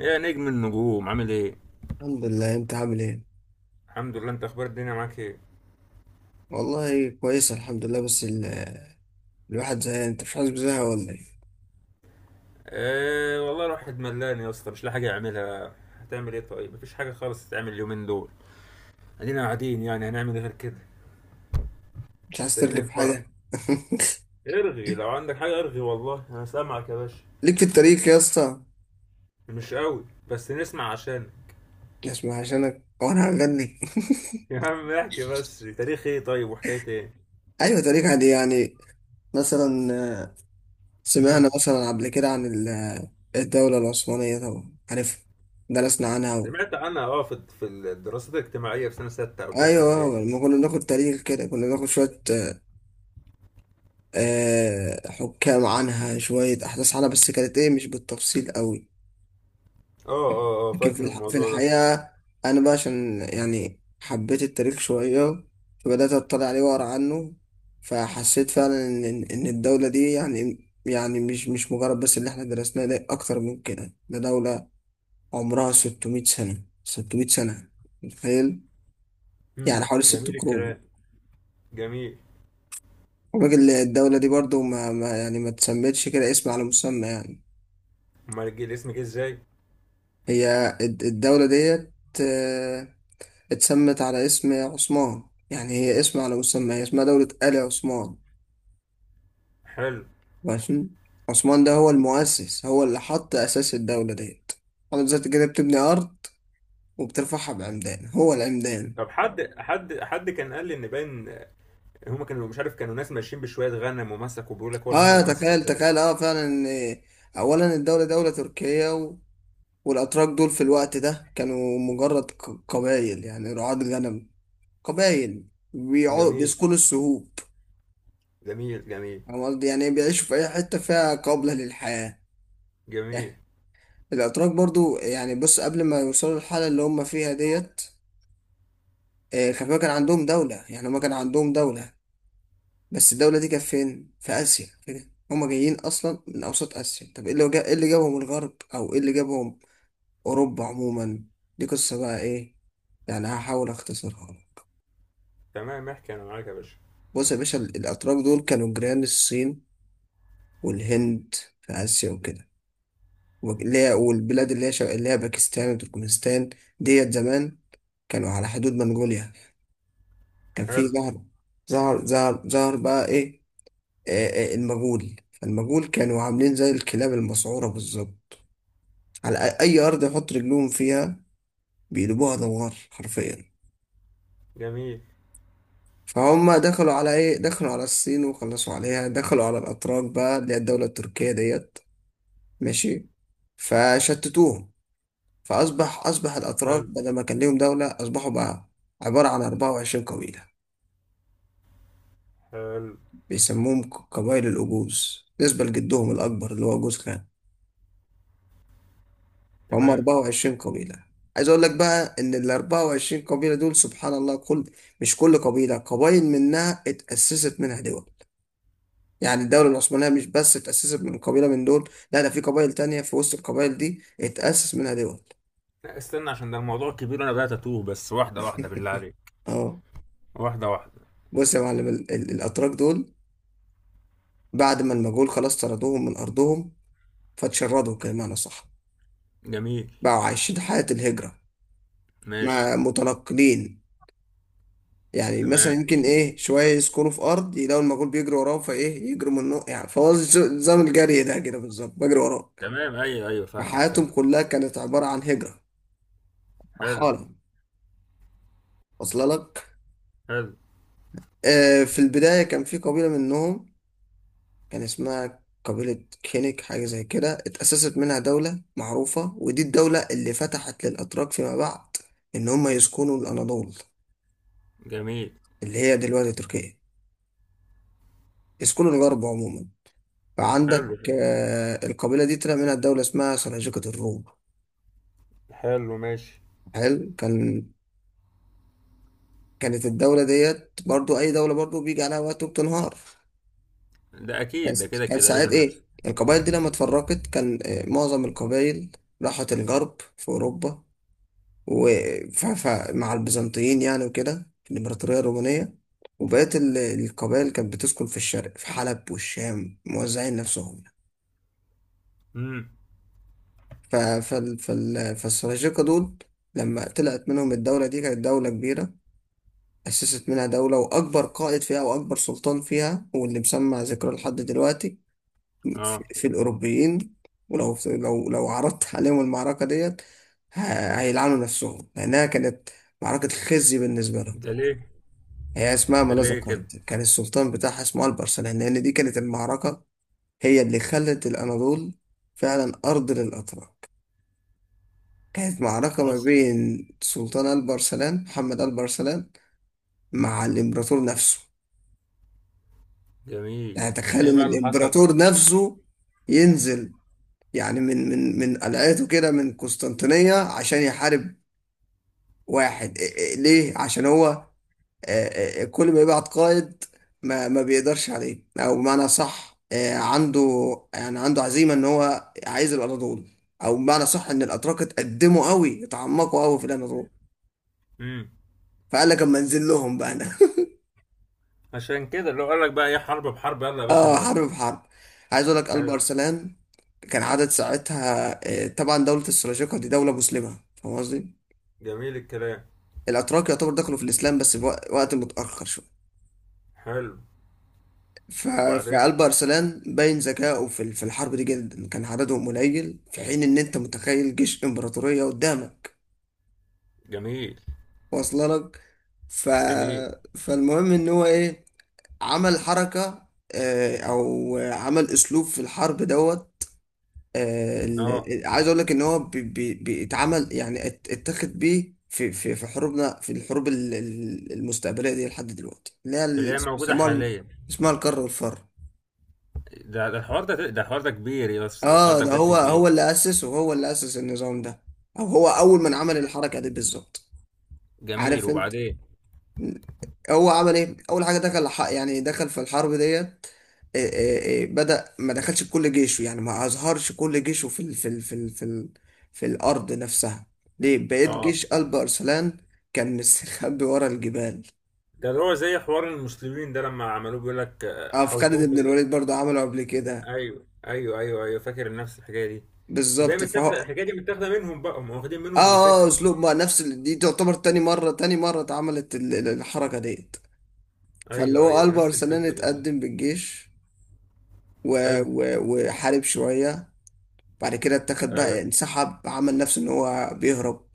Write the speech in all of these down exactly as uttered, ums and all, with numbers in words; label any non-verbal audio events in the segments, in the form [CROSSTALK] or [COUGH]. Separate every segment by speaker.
Speaker 1: يا نجم النجوم عامل ايه؟
Speaker 2: الحمد لله، انت عامل ايه؟
Speaker 1: الحمد لله. انت اخبار الدنيا معاك ايه؟
Speaker 2: والله كويس الحمد لله. بس ال... الواحد زهقان. انت مش حاسس بزهق ولا ايه؟
Speaker 1: آه والله الواحد ملان يا اسطى، مش لاقي حاجه يعملها. هتعمل ايه طيب؟ مفيش حاجه خالص تتعمل اليومين دول. ادينا قاعدين، يعني هنعمل ايه غير كده؟
Speaker 2: مش عايز
Speaker 1: مستنيين
Speaker 2: ترغي في
Speaker 1: الفرح.
Speaker 2: حاجه؟
Speaker 1: ارغي لو عندك حاجه ارغي، والله انا سامعك يا باشا.
Speaker 2: [LAUGHS] ليك في التاريخ يا اسطى.
Speaker 1: مش قوي، بس نسمع عشان
Speaker 2: اسمع عشانك، هو انا هغني؟
Speaker 1: [LAUGHS] يا عم احكي بس، تاريخ ايه طيب وحكايه ايه؟
Speaker 2: [LAUGHS] ايوه تاريخ عادي يعني. مثلا، آه،
Speaker 1: امم
Speaker 2: سمعنا مثلا قبل كده عن ال- آه، الدوله العثمانيه طبعا عارف. درسنا عنها و...
Speaker 1: سمعت عنها، اه، في في الدراسات الاجتماعيه في سنه سته او ثالثه اعدادي.
Speaker 2: ايوه لما كنا بناخد تاريخ كده، كنا بناخد شويه آه، حكام عنها، شويه احداث عنها، بس كانت ايه مش بالتفصيل قوي.
Speaker 1: اه اه اه
Speaker 2: لكن في
Speaker 1: فاكر
Speaker 2: الح... في
Speaker 1: الموضوع ده.
Speaker 2: الحقيقة أنا بقى عشان يعني حبيت التاريخ شوية، فبدأت أطلع عليه وأقرأ عنه. فحسيت فعلا إن إن إن الدولة دي يعني، يعني مش مش مجرد بس اللي إحنا درسناه ده، أكتر من كده. ده دولة عمرها ستمية سنة، ستمية سنة. متخيل؟ يعني
Speaker 1: امم
Speaker 2: حوالي ست
Speaker 1: جميل
Speaker 2: قرون.
Speaker 1: الكلام. جميل.
Speaker 2: الراجل الدولة دي برضو ما, ما يعني ما تسمتش كده اسم على مسمى يعني.
Speaker 1: امال جه الاسم جه ازاي؟
Speaker 2: هي الد- الدولة ديت اتسمت على اسم عثمان. يعني هي اسم على مسمى، هي اسمها دولة آل عثمان.
Speaker 1: حلو.
Speaker 2: ماشي. عثمان ده هو المؤسس، هو اللي حط أساس الدولة ديت. حضرتك زي كده بتبني أرض وبترفعها بعمدان، هو العمدان.
Speaker 1: طب، حد حد حد كان قال لي ان باين هم كانوا، مش عارف، كانوا ناس ماشيين بشويه غنم ومسكوا، بيقول لك هو هم
Speaker 2: اه
Speaker 1: اللي مسكوا
Speaker 2: تخيل،
Speaker 1: البلد.
Speaker 2: تخيل اه فعلا ان أولا الدولة دولة تركية و... والأتراك دول في الوقت ده كانوا مجرد ق- قبائل، يعني رعاة غنم، قبائل بيعو...
Speaker 1: جميل
Speaker 2: بيسكنوا السهوب.
Speaker 1: جميل جميل
Speaker 2: فاهم قصدي؟ يعني بيعيشوا في أي حتة فيها قابلة للحياة.
Speaker 1: جميل
Speaker 2: [LAUGHS] الأتراك برضو يعني بص، قبل ما يوصلوا للحالة اللي هم فيها ديت، آه، خلي بالك كان عندهم دولة. يعني هم كان عندهم دولة، بس الدولة دي كانت فين؟ في آسيا كده. هم جايين أصلا من أوسط آسيا. طب إيه اللي جا... إيه اللي جابهم الغرب، أو إيه اللي جابهم أوروبا عموما؟ دي قصة بقى إيه. يعني هحاول أختصرها لك.
Speaker 1: تمام، احكي انا معاك يا باشا.
Speaker 2: بص يا باشا، ال- الأتراك دول كانوا جيران الصين والهند في آسيا وكده، وك- اللي هي والبلاد اللي هي شا- اللي هي باكستان وتركمانستان ديت زمان. كانوا على حدود منغوليا. كان في
Speaker 1: حلو.
Speaker 2: زهرة، زهر زهر زهر بقى إيه. آه، آه، المجهول، فالمجهول كانوا عاملين زي الكلاب المسعورة بالظبط. على أ- أي أرض يحط رجلهم فيها بيدوبوها دوار حرفيا.
Speaker 1: جميل.
Speaker 2: فهم دخلوا على إيه؟ دخلوا على الصين وخلصوا عليها، دخلوا على الأتراك بقى اللي هي الدولة التركية ديت. ماشي. فشتتوهم. فأصبح أصبح الأتراك
Speaker 1: حلو
Speaker 2: بدل ما كان ليهم دولة، أصبحوا بقى عبارة عن اربعة وعشرين قبيلة.
Speaker 1: حلو.
Speaker 2: بيسموهم ق- قبائل الأجوز بالنسبة لجدهم الأكبر اللي هو جوز خان. هم
Speaker 1: تمام.
Speaker 2: أربع وعشرين قبيلة. عايز اقول لك بقى ان ال اربعة وعشرين قبيلة دول سبحان الله كل، مش كل قبيلة، قبائل منها اتأسست منها دول. يعني الدولة العثمانية مش بس اتأسست من قبيلة من دول، لا ده في قبائل تانية في وسط القبائل دي اتأسس منها دول.
Speaker 1: لا، استنى، عشان ده الموضوع كبير، انا بدات اتوه، بس واحده واحده بالله
Speaker 2: [LAUGHS]
Speaker 1: عليك.
Speaker 2: اه
Speaker 1: واحده واحده.
Speaker 2: بص يا معلم، ال ال الاتراك دول بعد ما المغول خلاص طردوهم من ارضهم، فتشردوا كمان صح.
Speaker 1: جميل.
Speaker 2: بقوا عايشين حياة الهجرة،
Speaker 1: ماشي.
Speaker 2: ما متنقلين. يعني مثلا
Speaker 1: تمام
Speaker 2: يمكن ايه شويه يسكنوا في ارض، يلاقوا المجهول بيجري وراهم، فايه يجروا منه يعني. فهو ز- نظام الجري ده كده بالظبط، بجري وراك.
Speaker 1: تمام، ايوه ايوه، فاهمك
Speaker 2: فحياتهم
Speaker 1: فاهم
Speaker 2: كلها كانت عباره عن هجره،
Speaker 1: حلو.
Speaker 2: رحاله. واصله لك.
Speaker 1: حلو.
Speaker 2: آه في البدايه كان في قبيله منهم، كان اسمها قبيله كينيك حاجه زي كده، اتاسست منها دوله معروفه، ودي الدوله اللي فتحت للاتراك فيما بعد ان هم يسكنوا الاناضول
Speaker 1: جميل.
Speaker 2: اللي هي دلوقتي تركيا، يسكنوا الغرب عموما. فعندك
Speaker 1: حلو حلو.
Speaker 2: آه، القبيلة دي طلع منها دولة اسمها سلاجقة الروم.
Speaker 1: حلو، ماشي.
Speaker 2: حلو. كان كانت الدولة ديت برضو، أي دولة برضو بيجي عليها وقت وبتنهار.
Speaker 1: ده
Speaker 2: كان
Speaker 1: اكيد، ده كده
Speaker 2: كان
Speaker 1: كده
Speaker 2: ساعات
Speaker 1: لازم يحصل.
Speaker 2: إيه القبائل دي لما اتفرقت كان آه، معظم القبائل راحت الغرب في أوروبا ومع البيزنطيين يعني وكده، في الإمبراطورية الرومانية. وبقيت ال- القبائل كانت بتسكن في الشرق في حلب والشام، موزعين نفسهم.
Speaker 1: امم
Speaker 2: ف- فال فال فالسلاجقة دول لما طلعت منهم الدولة دي، كانت دولة كبيرة. أسست منها دولة، وأكبر قائد فيها وأكبر سلطان فيها واللي مسمع ذكره لحد دلوقتي في,
Speaker 1: اه.
Speaker 2: في الأوروبيين، ولو لو لو عرضت [LAUGHS] عليهم المعركة ديت ه- هيلعنوا نفسهم لأنها كانت معركة خزي بالنسبة لهم.
Speaker 1: ده ليه؟
Speaker 2: هي اسمها ما
Speaker 1: ده
Speaker 2: لا
Speaker 1: ليه كده؟
Speaker 2: ذكرت، كان السلطان بتاعها اسمه البرسلان، لأن دي كانت المعركة هي اللي خلت الأناضول فعلا أرض للأتراك. كانت معركة ما
Speaker 1: اصلا.
Speaker 2: بين سلطان البرسلان، محمد البرسلان، مع الإمبراطور نفسه.
Speaker 1: جميل.
Speaker 2: يعني تخيل
Speaker 1: ايه
Speaker 2: إن
Speaker 1: بقى اللي حصل؟
Speaker 2: الإمبراطور نفسه ينزل، يعني من من من قلعته كده من قسطنطينية عشان يحارب واحد. إيه- إيه- ليه؟ عشان هو آه، آه، آه، كل ما يبعت قائد ما ما بيقدرش عليه. أو بمعنى صح آه، عنده يعني عنده عزيمة إن هو عايز الأناضول، أو بمعنى صح إن الأتراك اتقدموا قوي، اتعمقوا قوي في الأناضول.
Speaker 1: امم
Speaker 2: فقال لك أما أنزل لهم بقى أنا.
Speaker 1: عشان كده، لو قال لك بقى ايه، حرب بحرب، يلا يا باشا
Speaker 2: اه
Speaker 1: نودي.
Speaker 2: حرب بحرب. عايز اقول لك قلب
Speaker 1: حلو.
Speaker 2: ارسلان كان عدد ساعتها آه، طبعا دولة السلاجقة دي دولة مسلمة، فاهم قصدي؟
Speaker 1: جميل الكلام.
Speaker 2: الاتراك يعتبر دخلوا في الاسلام بس في وق- وقت متاخر شويه.
Speaker 1: حلو.
Speaker 2: ف-
Speaker 1: وبعدين؟
Speaker 2: فقلب ارسلان باين ذكائه في ال- في الحرب دي جدا. كان عددهم قليل، في حين ان انت متخيل جيش امبراطورية قدامك.
Speaker 1: جميل.
Speaker 2: واصله لك. ف...
Speaker 1: جميل.
Speaker 2: فالمهم ان هو ايه، عمل حركة، آه، او عمل اسلوب في الحرب دوت. آه، ال-
Speaker 1: اه.
Speaker 2: ال- عايز اقول لك ان هو بي- بي- بيتعمل يعني، ات- اتخذ بيه في في في حروبنا، في الحروب ال- ال- المستقبليه دي لحد دلوقتي، اللي هي
Speaker 1: اللي
Speaker 2: ال-
Speaker 1: هي موجوده
Speaker 2: اسمها ال-
Speaker 1: حاليا.
Speaker 2: اسمها الكر والفر.
Speaker 1: ده ده الحوار ده، ده الحوار ده كبير يا اسطى، ده الحوار
Speaker 2: اه
Speaker 1: ده
Speaker 2: ده
Speaker 1: بجد
Speaker 2: هو
Speaker 1: كبير.
Speaker 2: هو اللي اسس، وهو اللي اسس النظام ده، او هو اول من عمل الحركه دي بالظبط.
Speaker 1: جميل،
Speaker 2: عارف انت
Speaker 1: وبعدين؟
Speaker 2: هو عمل ايه اول حاجه؟ دخل ح- يعني دخل في الحرب ديت. إيه إيه إيه، بدأ ما دخلش بكل جيشه، يعني ما أظهرش كل جيشه في ال في ال في ال في, ال في الأرض نفسها. ليه؟ بقيت
Speaker 1: اه،
Speaker 2: جيش قلب أرسلان كان مستخبي ورا الجبال.
Speaker 1: ده اللي هو زي حوار المسلمين ده لما عملوه، بيقول لك، آه،
Speaker 2: اه، في
Speaker 1: حوطوهم
Speaker 2: خالد
Speaker 1: في.
Speaker 2: بن الوليد برضه عمله قبل كده
Speaker 1: ايوه ايوه ايوه ايوه، فاكر نفس الحكايه دي. يبقى هي
Speaker 2: بالظبط. فهو
Speaker 1: متاخده
Speaker 2: اه،
Speaker 1: الحكايه دي، متاخده منهم بقى، هم واخدين منهم
Speaker 2: اه
Speaker 1: الفكره.
Speaker 2: اسلوب ما، نفس ال- دي تعتبر تاني مرة تاني مرة اتعملت ال- ال- الحركة ديت. فاللي
Speaker 1: ايوه
Speaker 2: هو
Speaker 1: ايوه، دي
Speaker 2: قلب
Speaker 1: نفس
Speaker 2: أرسلان
Speaker 1: الفكره بالظبط.
Speaker 2: اتقدم بالجيش و...
Speaker 1: حلو.
Speaker 2: و... وحارب شوية. بعد كده اتاخد
Speaker 1: ايوه.
Speaker 2: بقى، انسحب، عمل نفسه ان هو بيهرب،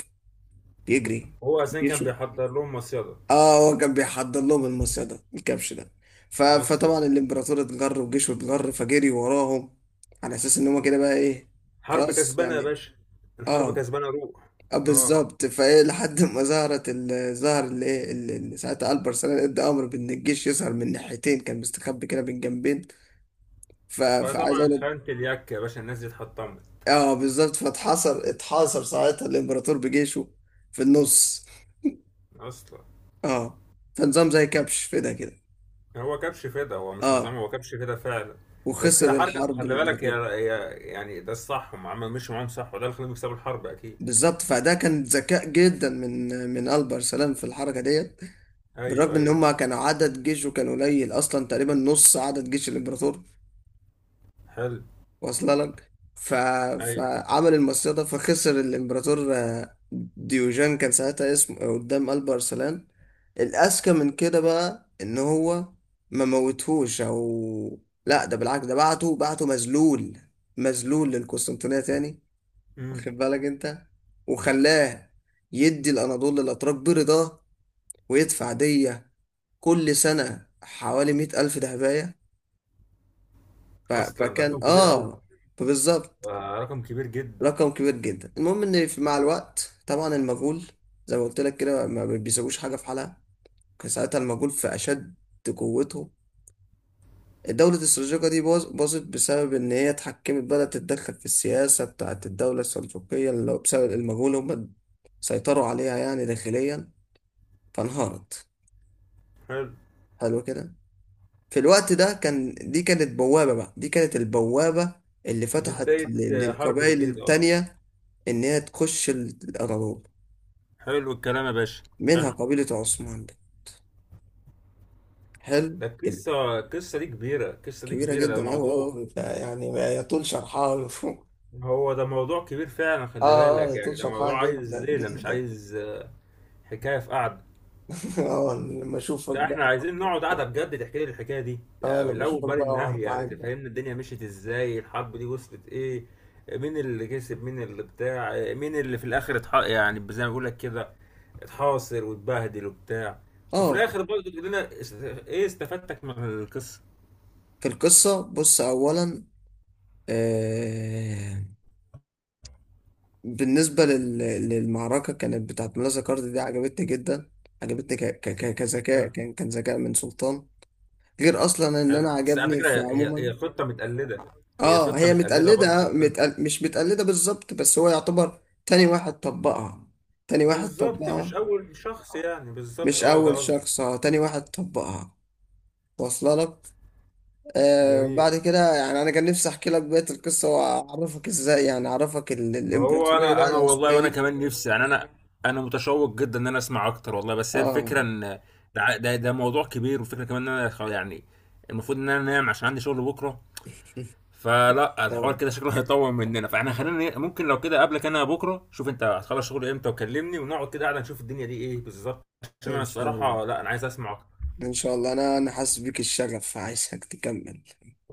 Speaker 2: بيجري.
Speaker 1: هو اصلا كان
Speaker 2: يشوي.
Speaker 1: بيحضر لهم مصيده.
Speaker 2: اه، هو كان بيحضر لهم المصيع ده، الكبش ده. ف...
Speaker 1: اصلا.
Speaker 2: فطبعا الامبراطور اتجر، وجيشه اتجر، فجري وراهم على اساس ان هما كده بقى ايه،
Speaker 1: حرب
Speaker 2: خلاص
Speaker 1: كسبانه يا
Speaker 2: يعني.
Speaker 1: باشا. الحرب
Speaker 2: اه،
Speaker 1: كسبانه، روح.
Speaker 2: آه
Speaker 1: اه.
Speaker 2: بالظبط. فايه لحد ما ظهرت ال... ظهر اللي ايه، اللي اللي ساعتها البر سلام ادى امر بان الجيش يظهر من ناحيتين، كان مستخبي كده من جنبين. ف... فعايز
Speaker 1: فطبعا
Speaker 2: اقول لك،
Speaker 1: خانت اليك يا باشا، الناس دي اتحطمت.
Speaker 2: اه بالظبط. فاتحصر اتحاصر ساعتها الامبراطور بجيشه في النص.
Speaker 1: اصلا.
Speaker 2: اه، فنظام زي كبش في ده كده.
Speaker 1: هو كبش فدا، هو مش
Speaker 2: اه،
Speaker 1: نظام، هو كبش فدا فعلا. بس هي
Speaker 2: وخسر
Speaker 1: حركه صح،
Speaker 2: الحرب
Speaker 1: خلي بالك، هي
Speaker 2: الامبراطور.
Speaker 1: هي يعني ده الصح، هم عملوا مشوا معاهم صح، وده اللي خلاهم يكسبوا الحرب اكيد.
Speaker 2: بالظبط. فده كان ذكاء جدا من من البر سلام في الحركه ديت، بالرغم
Speaker 1: ايوه
Speaker 2: ان
Speaker 1: ايوه.
Speaker 2: هم كانوا عدد جيشه كان قليل اصلا، تقريبا نص عدد جيش الامبراطور.
Speaker 1: حلو.
Speaker 2: واصله لك. ف...
Speaker 1: ايوه.
Speaker 2: فعمل المصيدة ده، فخسر الامبراطور. آه، ديوجان كان ساعتها اسمه، آه، قدام قلب ارسلان. الاذكى من كده بقى ان هو ما موتهوش، او لا ده بالعكس، ده بعته بعته مذلول، مذلول للقسطنطينية تاني.
Speaker 1: امم
Speaker 2: واخد بالك انت؟ وخلاه يدي الاناضول للاتراك برضاه، ويدفع دية كل سنة حوالي مئة ألف دهباية. ف...
Speaker 1: اصلا ده
Speaker 2: فكان
Speaker 1: رقم كبير قوي.
Speaker 2: اه، بالظبط
Speaker 1: آه رقم كبير جدا.
Speaker 2: رقم كبير جدا. المهم ان في- مع الوقت طبعا المجهول زي ما قلت لك كده ما بيسويش حاجه في حالها. كان ساعتها المجهول في اشد قوته. الدولة السلجوقة دي باظ- باظت بسبب إن هي اتحكمت، بدأت تتدخل في السياسة بتاعت الدولة السلجوقية، اللي هو بسبب المجهول هم سيطروا عليها يعني داخليا، فانهارت.
Speaker 1: حلو.
Speaker 2: حلو كده. في الوقت ده كان دي كانت بوابة بقى، دي كانت البوابة اللي
Speaker 1: دي
Speaker 2: فتحت
Speaker 1: بداية،
Speaker 2: ل-
Speaker 1: آه، حرب
Speaker 2: للقبائل
Speaker 1: جديدة اصلا.
Speaker 2: التانية إن هي تخش الأراضي،
Speaker 1: حلو الكلام يا باشا.
Speaker 2: منها
Speaker 1: حلو.
Speaker 2: قبيلة عثمان دي. حلو.
Speaker 1: ده
Speaker 2: ال-
Speaker 1: القصة، القصة دي كبيرة، القصة دي
Speaker 2: كبيرة
Speaker 1: كبيرة، ده
Speaker 2: جدا أوي
Speaker 1: موضوع.
Speaker 2: أوي يعني، ما يطول شرحها. [LAUGHS]
Speaker 1: هو ده موضوع كبير فعلا، خلي
Speaker 2: آه آه
Speaker 1: بالك، يعني
Speaker 2: يطول
Speaker 1: ده
Speaker 2: شرحها
Speaker 1: موضوع عايز
Speaker 2: جدا
Speaker 1: ليلة، مش
Speaker 2: جدا.
Speaker 1: عايز آه، حكاية في قعدة.
Speaker 2: [LAUGHS] آه لما أشوفك
Speaker 1: ده احنا
Speaker 2: بقى.
Speaker 1: عايزين نقعد قعده بجد تحكي لي الحكايه دي
Speaker 2: آه
Speaker 1: يعني من
Speaker 2: لما
Speaker 1: الاول
Speaker 2: أشوفك
Speaker 1: بقى
Speaker 2: بقى
Speaker 1: النهي،
Speaker 2: أقعد
Speaker 1: يعني
Speaker 2: معاك بقى.
Speaker 1: تفهمنا الدنيا مشيت ازاي، الحرب دي وصلت ايه، مين اللي كسب، مين اللي بتاع، مين اللي في الاخر اتح... يعني زي ما بقول لك كده، اتحاصر واتبهدل وبتاع، وفي
Speaker 2: آه
Speaker 1: الاخر برضه تقول لنا است- ايه استفدتك من القصه.
Speaker 2: في القصة، بص أولا، آه بالنسبة لل... للمعركة كانت بتاعت ملا زكارت دي، عجبتني جدا. عجبتني ك... ك... ك- كذكاء،
Speaker 1: حلو.
Speaker 2: كان كان ذكاء من سلطان، غير أصلا إن أنا
Speaker 1: حلو، بس على
Speaker 2: عجبني
Speaker 1: فكره،
Speaker 2: في
Speaker 1: هي
Speaker 2: عموما.
Speaker 1: هي خطه متقلده، هي
Speaker 2: اه
Speaker 1: خطه
Speaker 2: هي
Speaker 1: متقلده برضه،
Speaker 2: متقلدة،
Speaker 1: خلي بالك.
Speaker 2: متقل... مش متقلدة بالظبط، بس هو يعتبر تاني واحد طبقها، تاني واحد
Speaker 1: بالظبط،
Speaker 2: طبقها.
Speaker 1: مش اول شخص، يعني بالظبط،
Speaker 2: مش
Speaker 1: اه ده
Speaker 2: أول
Speaker 1: قصدي.
Speaker 2: شخص، اه تاني واحد طبقها. واصلة لك. آه
Speaker 1: جميل.
Speaker 2: بعد كده يعني أنا كان نفسي أحكي لك بقية القصة، وأعرفك إزاي يعني أعرفك ال...
Speaker 1: ما هو
Speaker 2: الإمبراطورية
Speaker 1: انا
Speaker 2: بقى
Speaker 1: انا والله،
Speaker 2: العثمانية
Speaker 1: وانا
Speaker 2: دي.
Speaker 1: كمان نفسي، يعني انا، انا متشوق جدا ان انا اسمع اكتر والله، بس هي
Speaker 2: اه.
Speaker 1: الفكره ان ده ع- ده, ده موضوع كبير، والفكره كمان ان انا خ- يعني المفروض ان انا انام عشان عندي شغل بكره.
Speaker 2: [LAUGHS]
Speaker 1: فلا، الحوار
Speaker 2: اه
Speaker 1: كده شكله [LAUGHS] هيطول مننا، فاحنا خلينا ن- ممكن لو كده قبلك، انا بكره شوف انت هتخلص شغل امتى وكلمني، ونقعد كده قاعده نشوف الدنيا دي ايه بالظبط، عشان انا
Speaker 2: إن شاء الله،
Speaker 1: الصراحه لا، انا عايز اسمع اكتر.
Speaker 2: إن شاء الله. أنا أنا حاسس بيك الشغف، عايزك تكمل.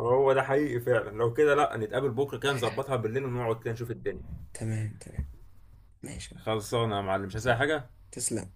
Speaker 1: هو ده حقيقي فعلا، لو كده لا نتقابل بكره كده نظبطها بالليل، ونقعد كده نشوف الدنيا.
Speaker 2: تمام، تمام. ماشي.
Speaker 1: خلصانه يا معلم، مش عايز أي حاجه.
Speaker 2: تسلم.